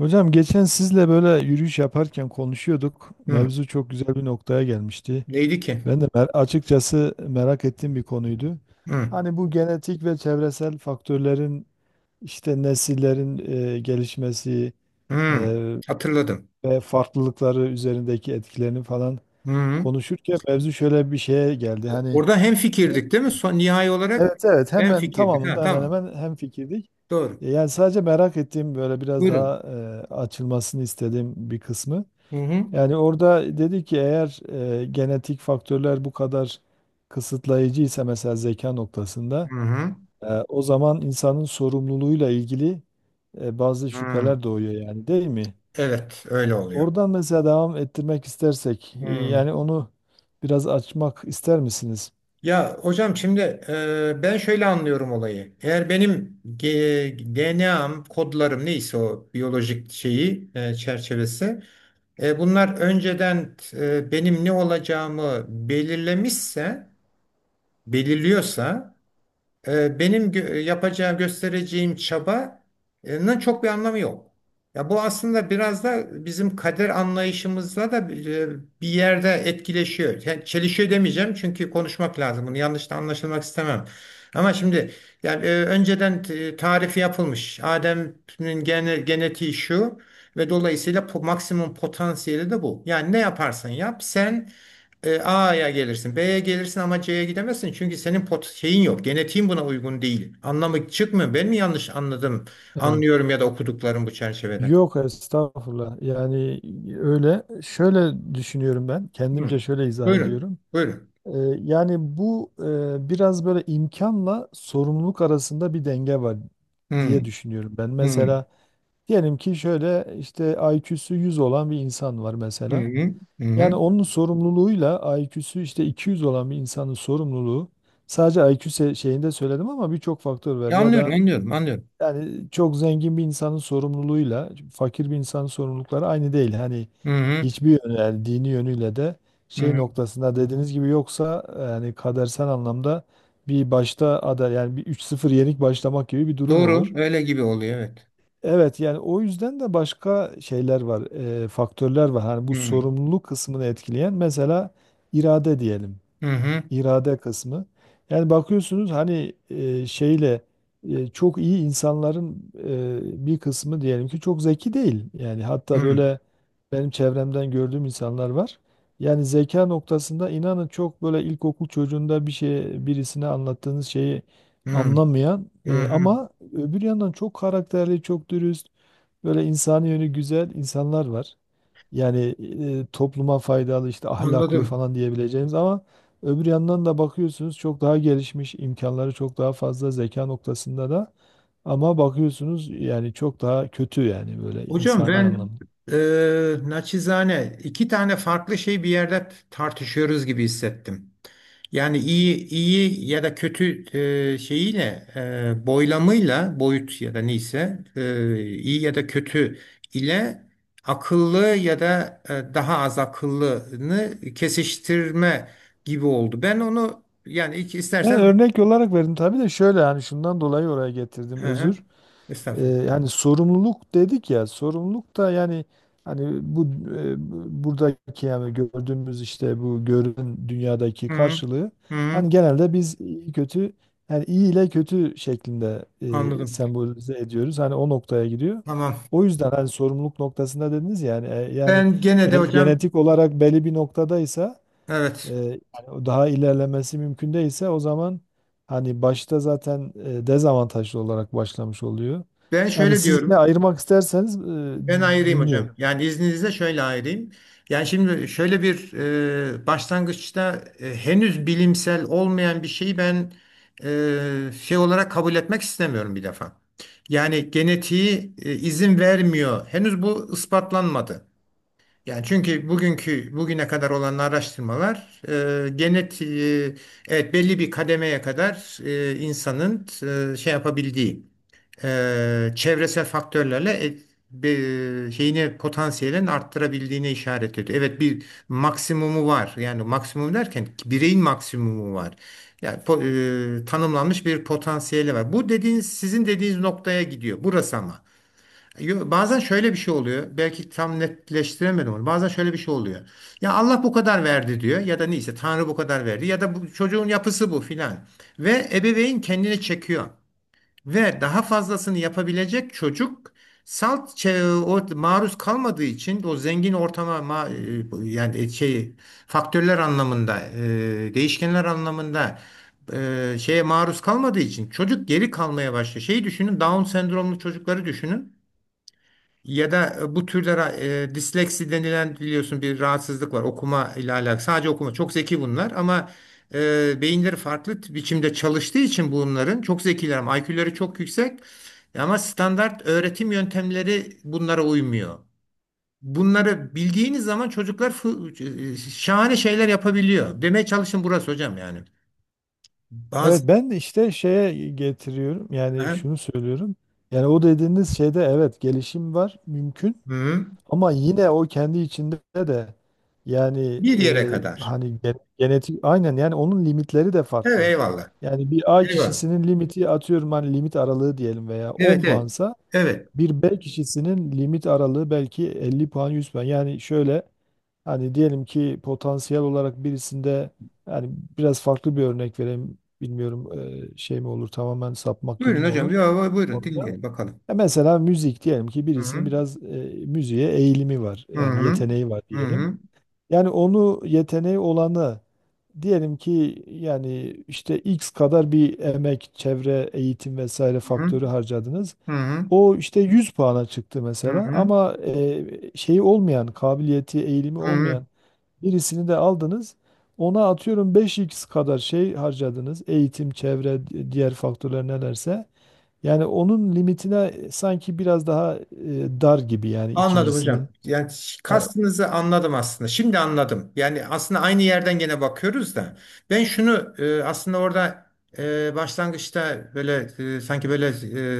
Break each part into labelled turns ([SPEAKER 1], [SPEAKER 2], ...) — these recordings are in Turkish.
[SPEAKER 1] Hocam geçen sizle böyle yürüyüş yaparken konuşuyorduk.
[SPEAKER 2] Hı.
[SPEAKER 1] Mevzu çok güzel bir noktaya gelmişti.
[SPEAKER 2] Neydi ki?
[SPEAKER 1] Ben de açıkçası merak ettiğim bir konuydu.
[SPEAKER 2] Hı.
[SPEAKER 1] Hani bu genetik ve çevresel faktörlerin işte nesillerin gelişmesi
[SPEAKER 2] Hı.
[SPEAKER 1] e,
[SPEAKER 2] Hatırladım.
[SPEAKER 1] ve farklılıkları üzerindeki etkilerini falan
[SPEAKER 2] Hı.
[SPEAKER 1] konuşurken mevzu şöyle bir şeye geldi. Hani
[SPEAKER 2] Orada hem fikirdik değil mi? Son nihai olarak
[SPEAKER 1] evet evet
[SPEAKER 2] ben
[SPEAKER 1] hemen
[SPEAKER 2] fikirdik. Ha,
[SPEAKER 1] tamamında hemen
[SPEAKER 2] tamam.
[SPEAKER 1] hemen hemfikirdik.
[SPEAKER 2] Doğru.
[SPEAKER 1] Yani sadece merak ettiğim böyle biraz
[SPEAKER 2] Buyurun.
[SPEAKER 1] daha açılmasını istediğim bir kısmı.
[SPEAKER 2] Hı hı.
[SPEAKER 1] Yani orada dedi ki eğer genetik faktörler bu kadar kısıtlayıcı ise mesela zeka noktasında
[SPEAKER 2] Hı hı.
[SPEAKER 1] o zaman insanın sorumluluğuyla ilgili bazı
[SPEAKER 2] Hı.
[SPEAKER 1] şüpheler doğuyor yani, değil mi?
[SPEAKER 2] Evet, öyle oluyor.
[SPEAKER 1] Oradan mesela devam ettirmek istersek
[SPEAKER 2] Hı.
[SPEAKER 1] yani onu biraz açmak ister misiniz?
[SPEAKER 2] Ya hocam şimdi ben şöyle anlıyorum olayı. Eğer benim DNA'm, kodlarım neyse o biyolojik şeyi çerçevesi, bunlar önceden benim ne olacağımı belirlemişse belirliyorsa benim yapacağım, göstereceğim çabanın çok bir anlamı yok. Ya bu aslında biraz da bizim kader anlayışımızla da bir yerde etkileşiyor. Yani çelişiyor demeyeceğim çünkü konuşmak lazım. Bunu yanlış da anlaşılmak istemem. Ama şimdi yani önceden tarifi yapılmış. Adem'in genetiği şu ve dolayısıyla maksimum potansiyeli de bu. Yani ne yaparsan yap sen, A'ya gelirsin, B'ye gelirsin ama C'ye gidemezsin. Çünkü senin pot şeyin yok. Genetiğin buna uygun değil. Anlamı çıkmıyor. Ben mi yanlış anladım?
[SPEAKER 1] Evet.
[SPEAKER 2] Anlıyorum ya da okuduklarım bu çerçevede.
[SPEAKER 1] Yok estağfurullah. Yani öyle şöyle düşünüyorum ben. Kendimce
[SPEAKER 2] Hı.
[SPEAKER 1] şöyle izah
[SPEAKER 2] Buyurun.
[SPEAKER 1] ediyorum.
[SPEAKER 2] Buyurun.
[SPEAKER 1] Ee, Yani bu biraz böyle imkanla sorumluluk arasında bir denge var diye
[SPEAKER 2] Hı.
[SPEAKER 1] düşünüyorum ben.
[SPEAKER 2] Hı.
[SPEAKER 1] Mesela diyelim ki şöyle işte IQ'su 100 olan bir insan var
[SPEAKER 2] Hı.
[SPEAKER 1] mesela.
[SPEAKER 2] Hı.
[SPEAKER 1] Yani
[SPEAKER 2] Hı.
[SPEAKER 1] onun sorumluluğuyla IQ'su işte iki 100 olan bir insanın sorumluluğu sadece şeyinde söyledim ama birçok faktör var. Ya
[SPEAKER 2] Anlıyorum,
[SPEAKER 1] da
[SPEAKER 2] anlıyorum.
[SPEAKER 1] yani çok zengin bir insanın sorumluluğuyla fakir bir insanın sorumlulukları aynı değil. Hani
[SPEAKER 2] Hı hı.
[SPEAKER 1] hiçbir yönü, yani dini yönüyle de şey
[SPEAKER 2] Hı.
[SPEAKER 1] noktasında dediğiniz gibi, yoksa yani kadersel anlamda bir başta ada yani bir üç sıfır yenik başlamak gibi bir durum
[SPEAKER 2] Doğru,
[SPEAKER 1] olur.
[SPEAKER 2] öyle gibi oluyor, evet.
[SPEAKER 1] Evet, yani o yüzden de başka şeyler var, faktörler var. Hani bu
[SPEAKER 2] Hı.
[SPEAKER 1] sorumluluk kısmını etkileyen mesela irade diyelim,
[SPEAKER 2] Hı hı.
[SPEAKER 1] irade kısmı. Yani bakıyorsunuz hani çok iyi insanların bir kısmı diyelim ki çok zeki değil. Yani hatta
[SPEAKER 2] Hı.
[SPEAKER 1] böyle benim çevremden gördüğüm insanlar var. Yani zeka noktasında inanın çok böyle ilkokul çocuğunda bir şey, birisine anlattığınız şeyi
[SPEAKER 2] Hı.
[SPEAKER 1] anlamayan,
[SPEAKER 2] Hı.
[SPEAKER 1] ama öbür yandan çok karakterli, çok dürüst, böyle insani yönü güzel insanlar var. Yani topluma faydalı, işte ahlaklı
[SPEAKER 2] Anladım.
[SPEAKER 1] falan diyebileceğimiz, ama öbür yandan da bakıyorsunuz çok daha gelişmiş, imkanları çok daha fazla, zeka noktasında da, ama bakıyorsunuz yani çok daha kötü, yani böyle
[SPEAKER 2] Hocam
[SPEAKER 1] insani
[SPEAKER 2] ben
[SPEAKER 1] anlamda.
[SPEAKER 2] naçizane iki tane farklı şey bir yerde tartışıyoruz gibi hissettim. Yani iyi iyi ya da kötü şeyiyle boylamıyla boyut ya da neyse iyi ya da kötü ile akıllı ya da daha az akıllını kesiştirme gibi oldu. Ben onu yani ilk
[SPEAKER 1] Ben
[SPEAKER 2] istersen.
[SPEAKER 1] örnek olarak verdim tabii de şöyle yani şundan dolayı oraya getirdim,
[SPEAKER 2] Hı
[SPEAKER 1] özür.
[SPEAKER 2] hı, estağfurullah.
[SPEAKER 1] Yani sorumluluk dedik ya, sorumluluk da yani hani bu buradaki yani gördüğümüz işte bu görünen dünyadaki
[SPEAKER 2] Hı hı,
[SPEAKER 1] karşılığı,
[SPEAKER 2] hı hı,
[SPEAKER 1] hani genelde biz iyi kötü, yani iyi ile kötü şeklinde
[SPEAKER 2] anladım.
[SPEAKER 1] sembolize ediyoruz. Hani o noktaya gidiyor.
[SPEAKER 2] Tamam.
[SPEAKER 1] O yüzden hani sorumluluk noktasında dediniz yani yani
[SPEAKER 2] Ben gene de
[SPEAKER 1] eğer
[SPEAKER 2] hocam.
[SPEAKER 1] genetik olarak belli bir noktadaysa, e,
[SPEAKER 2] Evet.
[SPEAKER 1] yani o daha ilerlemesi mümkün değilse, o zaman hani başta zaten dezavantajlı olarak başlamış oluyor.
[SPEAKER 2] Ben
[SPEAKER 1] Yani
[SPEAKER 2] şöyle
[SPEAKER 1] siz yine
[SPEAKER 2] diyorum.
[SPEAKER 1] ayırmak isterseniz
[SPEAKER 2] Ben ayırayım hocam.
[SPEAKER 1] dinliyorum.
[SPEAKER 2] Yani izninizle şöyle ayırayım. Yani şimdi şöyle bir başlangıçta henüz bilimsel olmayan bir şeyi ben şey olarak kabul etmek istemiyorum bir defa. Yani genetiği izin vermiyor. Henüz bu ispatlanmadı. Yani çünkü bugüne kadar olan araştırmalar genetiği evet belli bir kademeye kadar insanın şey yapabildiği. Çevresel faktörlerle şeyini potansiyelini arttırabildiğine işaret ediyor. Evet bir maksimumu var. Yani maksimum derken bireyin maksimumu var. Yani tanımlanmış bir potansiyeli var. Bu dediğiniz sizin dediğiniz noktaya gidiyor. Burası ama. Bazen şöyle bir şey oluyor. Belki tam netleştiremedim onu. Bazen şöyle bir şey oluyor. Ya Allah bu kadar verdi diyor ya da neyse Tanrı bu kadar verdi ya da bu çocuğun yapısı bu filan. Ve ebeveyn kendini çekiyor. Ve daha fazlasını yapabilecek çocuk salt o, maruz kalmadığı için o zengin ortama yani şey faktörler anlamında, değişkenler anlamında, şeye maruz kalmadığı için çocuk geri kalmaya başlıyor. Şeyi düşünün, Down sendromlu çocukları düşünün. Ya da bu türde disleksi denilen biliyorsun bir rahatsızlık var. Okuma ile alakalı. Sadece okuma. Çok zeki bunlar ama beyinleri farklı biçimde çalıştığı için bunların çok zekiler ama IQ'leri çok yüksek. Ama standart öğretim yöntemleri bunlara uymuyor. Bunları bildiğiniz zaman çocuklar şahane şeyler yapabiliyor. Demeye çalışın, burası hocam yani.
[SPEAKER 1] Evet
[SPEAKER 2] Bazı.
[SPEAKER 1] ben de işte şeye getiriyorum, yani
[SPEAKER 2] Ha?
[SPEAKER 1] şunu söylüyorum. Yani o dediğiniz şeyde evet, gelişim var, mümkün,
[SPEAKER 2] Hı.
[SPEAKER 1] ama yine o kendi içinde de yani
[SPEAKER 2] Bir yere kadar.
[SPEAKER 1] genetik aynen yani, onun limitleri de
[SPEAKER 2] Evet,
[SPEAKER 1] farklı.
[SPEAKER 2] eyvallah.
[SPEAKER 1] Yani bir A
[SPEAKER 2] Eyvallah.
[SPEAKER 1] kişisinin limiti, atıyorum hani limit aralığı diyelim, veya 10
[SPEAKER 2] Evet, evet.
[SPEAKER 1] puansa
[SPEAKER 2] Evet.
[SPEAKER 1] bir bel kişisinin limit aralığı belki 50 puan, 100 puan. Yani şöyle hani diyelim ki potansiyel olarak birisinde yani biraz farklı bir örnek vereyim. Bilmiyorum şey mi olur, tamamen sapmak gibi
[SPEAKER 2] Buyurun
[SPEAKER 1] mi
[SPEAKER 2] hocam.
[SPEAKER 1] olur
[SPEAKER 2] Ya, buyurun
[SPEAKER 1] oradan?
[SPEAKER 2] dinleyelim bakalım.
[SPEAKER 1] Mesela müzik diyelim ki
[SPEAKER 2] Hı
[SPEAKER 1] birisinin
[SPEAKER 2] hı.
[SPEAKER 1] biraz müziğe eğilimi var.
[SPEAKER 2] Hı
[SPEAKER 1] Yani
[SPEAKER 2] hı. Efendim?
[SPEAKER 1] yeteneği var
[SPEAKER 2] Hı
[SPEAKER 1] diyelim.
[SPEAKER 2] hı.
[SPEAKER 1] Yani onu, yeteneği olanı, diyelim ki yani işte X kadar bir emek, çevre, eğitim vesaire faktörü harcadınız.
[SPEAKER 2] Hı hı.
[SPEAKER 1] O işte 100 puana çıktı
[SPEAKER 2] Hı hı. Hı
[SPEAKER 1] mesela,
[SPEAKER 2] hı.
[SPEAKER 1] ama şeyi olmayan, kabiliyeti, eğilimi
[SPEAKER 2] Hı hı.
[SPEAKER 1] olmayan birisini de aldınız. Ona atıyorum beş x kadar şey harcadınız. Eğitim, çevre, diğer faktörler nelerse. Yani onun limitine sanki biraz daha dar gibi yani
[SPEAKER 2] Anladım hocam.
[SPEAKER 1] ikincisinin.
[SPEAKER 2] Yani
[SPEAKER 1] Yani,
[SPEAKER 2] kastınızı anladım aslında. Şimdi anladım. Yani aslında aynı yerden gene bakıyoruz da. Ben şunu aslında orada başlangıçta böyle sanki böyle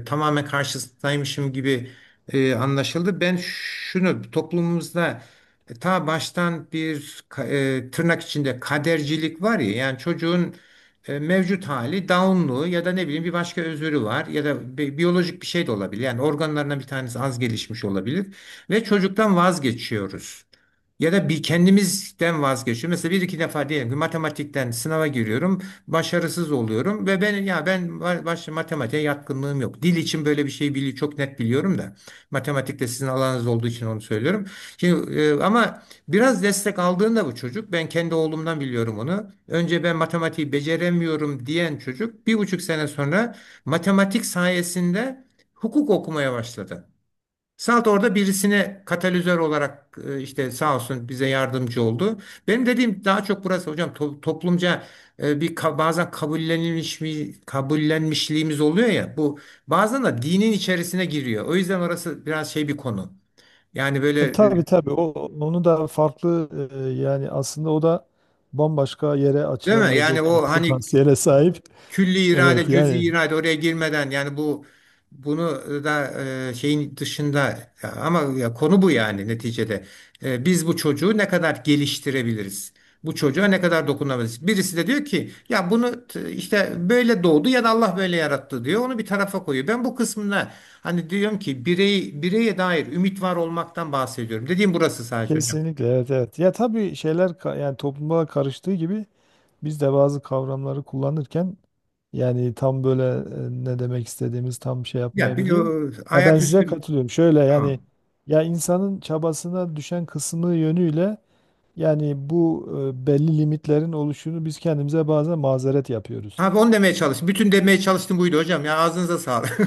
[SPEAKER 2] tamamen karşısındaymışım gibi anlaşıldı. Ben şunu toplumumuzda ta baştan tırnak içinde kadercilik var ya. Yani çocuğun mevcut hali Down'lu ya da ne bileyim bir başka özürü var ya da biyolojik bir şey de olabilir. Yani organlarından bir tanesi az gelişmiş olabilir. Ve çocuktan vazgeçiyoruz. Ya da bir kendimizden vazgeçiyoruz. Mesela bir iki defa diyelim ki matematikten sınava giriyorum, başarısız oluyorum ve ben ya ben başta matematiğe yatkınlığım yok. Dil için böyle bir şey bili çok net biliyorum da matematikte sizin alanınız olduğu için onu söylüyorum. Şimdi ama biraz destek aldığında bu çocuk, ben kendi oğlumdan biliyorum onu. Önce ben matematiği beceremiyorum diyen çocuk bir buçuk sene sonra matematik sayesinde hukuk okumaya başladı. Salt orada birisine katalizör olarak işte sağ olsun bize yardımcı oldu. Benim dediğim daha çok burası hocam, toplumca bazen kabullenmişliğimiz oluyor ya, bu bazen de dinin içerisine giriyor. O yüzden orası biraz şey bir konu. Yani böyle,
[SPEAKER 1] tabii tabii, o onu da farklı, yani aslında o da bambaşka yere
[SPEAKER 2] değil mi? Yani
[SPEAKER 1] açılabilecek bir
[SPEAKER 2] o hani
[SPEAKER 1] potansiyele sahip.
[SPEAKER 2] külli
[SPEAKER 1] Evet
[SPEAKER 2] irade, cüz'i
[SPEAKER 1] yani
[SPEAKER 2] irade oraya girmeden, yani bu bunu da şeyin dışında, ya ama ya konu bu yani neticede. Biz bu çocuğu ne kadar geliştirebiliriz? Bu çocuğa ne kadar dokunabiliriz? Birisi de diyor ki ya bunu işte böyle doğdu ya da Allah böyle yarattı diyor. Onu bir tarafa koyuyor. Ben bu kısmına hani diyorum ki birey bireye dair ümit var olmaktan bahsediyorum. Dediğim burası sadece hocam.
[SPEAKER 1] kesinlikle, evet evet. Ya tabii, şeyler yani topluma karıştığı gibi biz de bazı kavramları kullanırken yani tam böyle ne demek istediğimiz tam şey
[SPEAKER 2] Ya bir,
[SPEAKER 1] yapmayabiliyor. Ya ben size
[SPEAKER 2] ayaküstü
[SPEAKER 1] katılıyorum. Şöyle yani,
[SPEAKER 2] tamam.
[SPEAKER 1] ya insanın çabasına düşen kısmı yönüyle yani bu belli limitlerin oluşunu biz kendimize bazen mazeret yapıyoruz.
[SPEAKER 2] Abi onu demeye çalıştım. Bütün demeye çalıştım buydu hocam. Ya ağzınıza sağlık.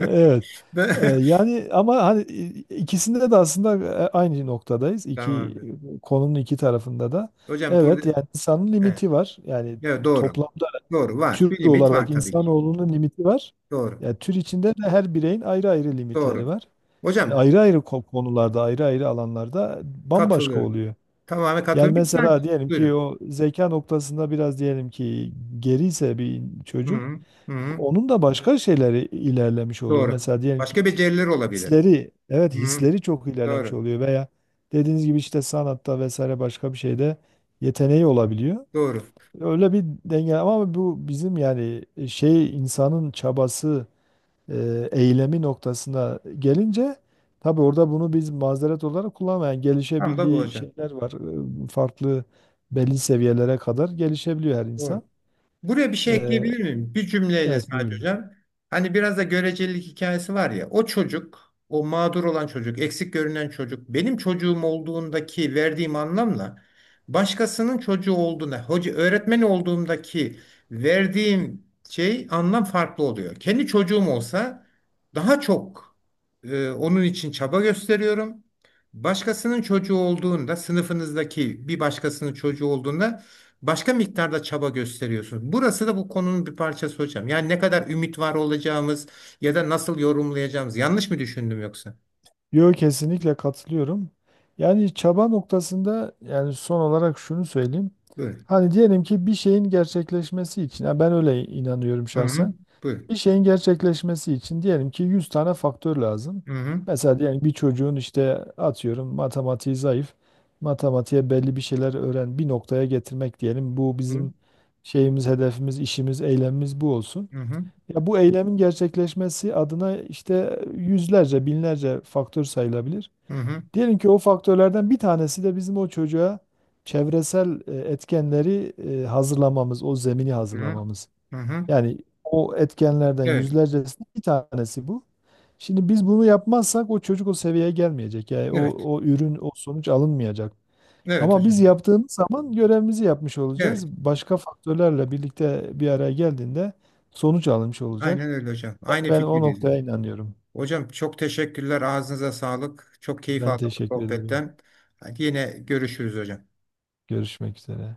[SPEAKER 1] Evet.
[SPEAKER 2] Ben-
[SPEAKER 1] Yani ama hani ikisinde de aslında aynı noktadayız. İki
[SPEAKER 2] Tamamdır.
[SPEAKER 1] konunun iki tarafında da.
[SPEAKER 2] Hocam burada
[SPEAKER 1] Evet yani insanın
[SPEAKER 2] evet,
[SPEAKER 1] limiti var. Yani
[SPEAKER 2] evet, doğru.
[SPEAKER 1] toplamda
[SPEAKER 2] Doğru var.
[SPEAKER 1] tür
[SPEAKER 2] Bir limit var
[SPEAKER 1] olarak
[SPEAKER 2] tabii ki.
[SPEAKER 1] insanoğlunun limiti var.
[SPEAKER 2] Doğru.
[SPEAKER 1] Yani tür içinde de her bireyin ayrı ayrı limitleri
[SPEAKER 2] Doğru.
[SPEAKER 1] var. Yani
[SPEAKER 2] Hocam
[SPEAKER 1] ayrı ayrı konularda, ayrı ayrı alanlarda bambaşka
[SPEAKER 2] katılıyorum.
[SPEAKER 1] oluyor.
[SPEAKER 2] Tamamen
[SPEAKER 1] Yani
[SPEAKER 2] katılıyorum. Bir
[SPEAKER 1] mesela
[SPEAKER 2] saat.
[SPEAKER 1] diyelim ki
[SPEAKER 2] Buyurun.
[SPEAKER 1] o zeka noktasında biraz diyelim ki geriyse bir
[SPEAKER 2] Hı
[SPEAKER 1] çocuk,
[SPEAKER 2] -hı. Hı -hı.
[SPEAKER 1] onun da başka şeyleri ilerlemiş oluyor.
[SPEAKER 2] Doğru.
[SPEAKER 1] Mesela diyelim ki
[SPEAKER 2] Başka beceriler olabilir.
[SPEAKER 1] hisleri, evet,
[SPEAKER 2] Hı -hı.
[SPEAKER 1] hisleri çok ilerlemiş
[SPEAKER 2] Doğru.
[SPEAKER 1] oluyor, veya dediğiniz gibi işte sanatta vesaire başka bir şeyde yeteneği olabiliyor.
[SPEAKER 2] Doğru.
[SPEAKER 1] Öyle bir denge, ama bu bizim yani şey insanın çabası, eylemi noktasına gelince tabii orada bunu biz mazeret olarak kullanmayan yani
[SPEAKER 2] Tam da bu
[SPEAKER 1] gelişebildiği
[SPEAKER 2] hocam.
[SPEAKER 1] şeyler var. Farklı belli seviyelere kadar gelişebiliyor her insan.
[SPEAKER 2] Doğru. Buraya bir şey
[SPEAKER 1] E,
[SPEAKER 2] ekleyebilir miyim? Bir cümleyle
[SPEAKER 1] evet
[SPEAKER 2] sadece
[SPEAKER 1] buyurun.
[SPEAKER 2] hocam. Hani biraz da görecelilik hikayesi var ya. O çocuk, o mağdur olan çocuk, eksik görünen çocuk, benim çocuğum olduğundaki verdiğim anlamla başkasının çocuğu olduğuna, hoca öğretmen olduğumdaki verdiğim şey anlam farklı oluyor. Kendi çocuğum olsa daha çok onun için çaba gösteriyorum. Başkasının çocuğu olduğunda, sınıfınızdaki bir başkasının çocuğu olduğunda başka miktarda çaba gösteriyorsunuz. Burası da bu konunun bir parçası hocam. Yani ne kadar ümit var olacağımız ya da nasıl yorumlayacağımız. Yanlış mı düşündüm yoksa?
[SPEAKER 1] Yo, kesinlikle katılıyorum. Yani çaba noktasında yani son olarak şunu söyleyeyim.
[SPEAKER 2] Buyurun.
[SPEAKER 1] Hani diyelim ki bir şeyin gerçekleşmesi için, yani ben öyle inanıyorum
[SPEAKER 2] Hı hı.
[SPEAKER 1] şahsen.
[SPEAKER 2] Buyurun.
[SPEAKER 1] Bir şeyin gerçekleşmesi için diyelim ki 100 tane faktör lazım.
[SPEAKER 2] Hı hı.
[SPEAKER 1] Mesela diyelim bir çocuğun işte atıyorum matematiği zayıf. Matematiğe belli bir şeyler öğren, bir noktaya getirmek diyelim. Bu bizim şeyimiz, hedefimiz, işimiz, eylemimiz bu olsun.
[SPEAKER 2] Hı hı.
[SPEAKER 1] Ya bu eylemin gerçekleşmesi adına işte yüzlerce, binlerce faktör sayılabilir.
[SPEAKER 2] Hı hı.
[SPEAKER 1] Diyelim ki o faktörlerden bir tanesi de bizim o çocuğa çevresel etkenleri hazırlamamız, o zemini
[SPEAKER 2] Hı hı.
[SPEAKER 1] hazırlamamız.
[SPEAKER 2] Hı.
[SPEAKER 1] Yani o etkenlerden
[SPEAKER 2] Evet.
[SPEAKER 1] yüzlercesinin bir tanesi bu. Şimdi biz bunu yapmazsak o çocuk o seviyeye gelmeyecek. Yani
[SPEAKER 2] Evet.
[SPEAKER 1] o ürün, o sonuç alınmayacak.
[SPEAKER 2] Evet
[SPEAKER 1] Ama biz
[SPEAKER 2] hocam.
[SPEAKER 1] yaptığımız zaman görevimizi yapmış olacağız.
[SPEAKER 2] Evet.
[SPEAKER 1] Başka faktörlerle birlikte bir araya geldiğinde sonuç alınmış olacak.
[SPEAKER 2] Aynen öyle hocam.
[SPEAKER 1] Yani
[SPEAKER 2] Aynı
[SPEAKER 1] ben o
[SPEAKER 2] fikirdeyiz hocam.
[SPEAKER 1] noktaya inanıyorum.
[SPEAKER 2] Hocam çok teşekkürler. Ağzınıza sağlık. Çok keyif
[SPEAKER 1] Ben
[SPEAKER 2] aldım bu
[SPEAKER 1] teşekkür ederim.
[SPEAKER 2] sohbetten. Hadi yine görüşürüz hocam.
[SPEAKER 1] Görüşmek üzere.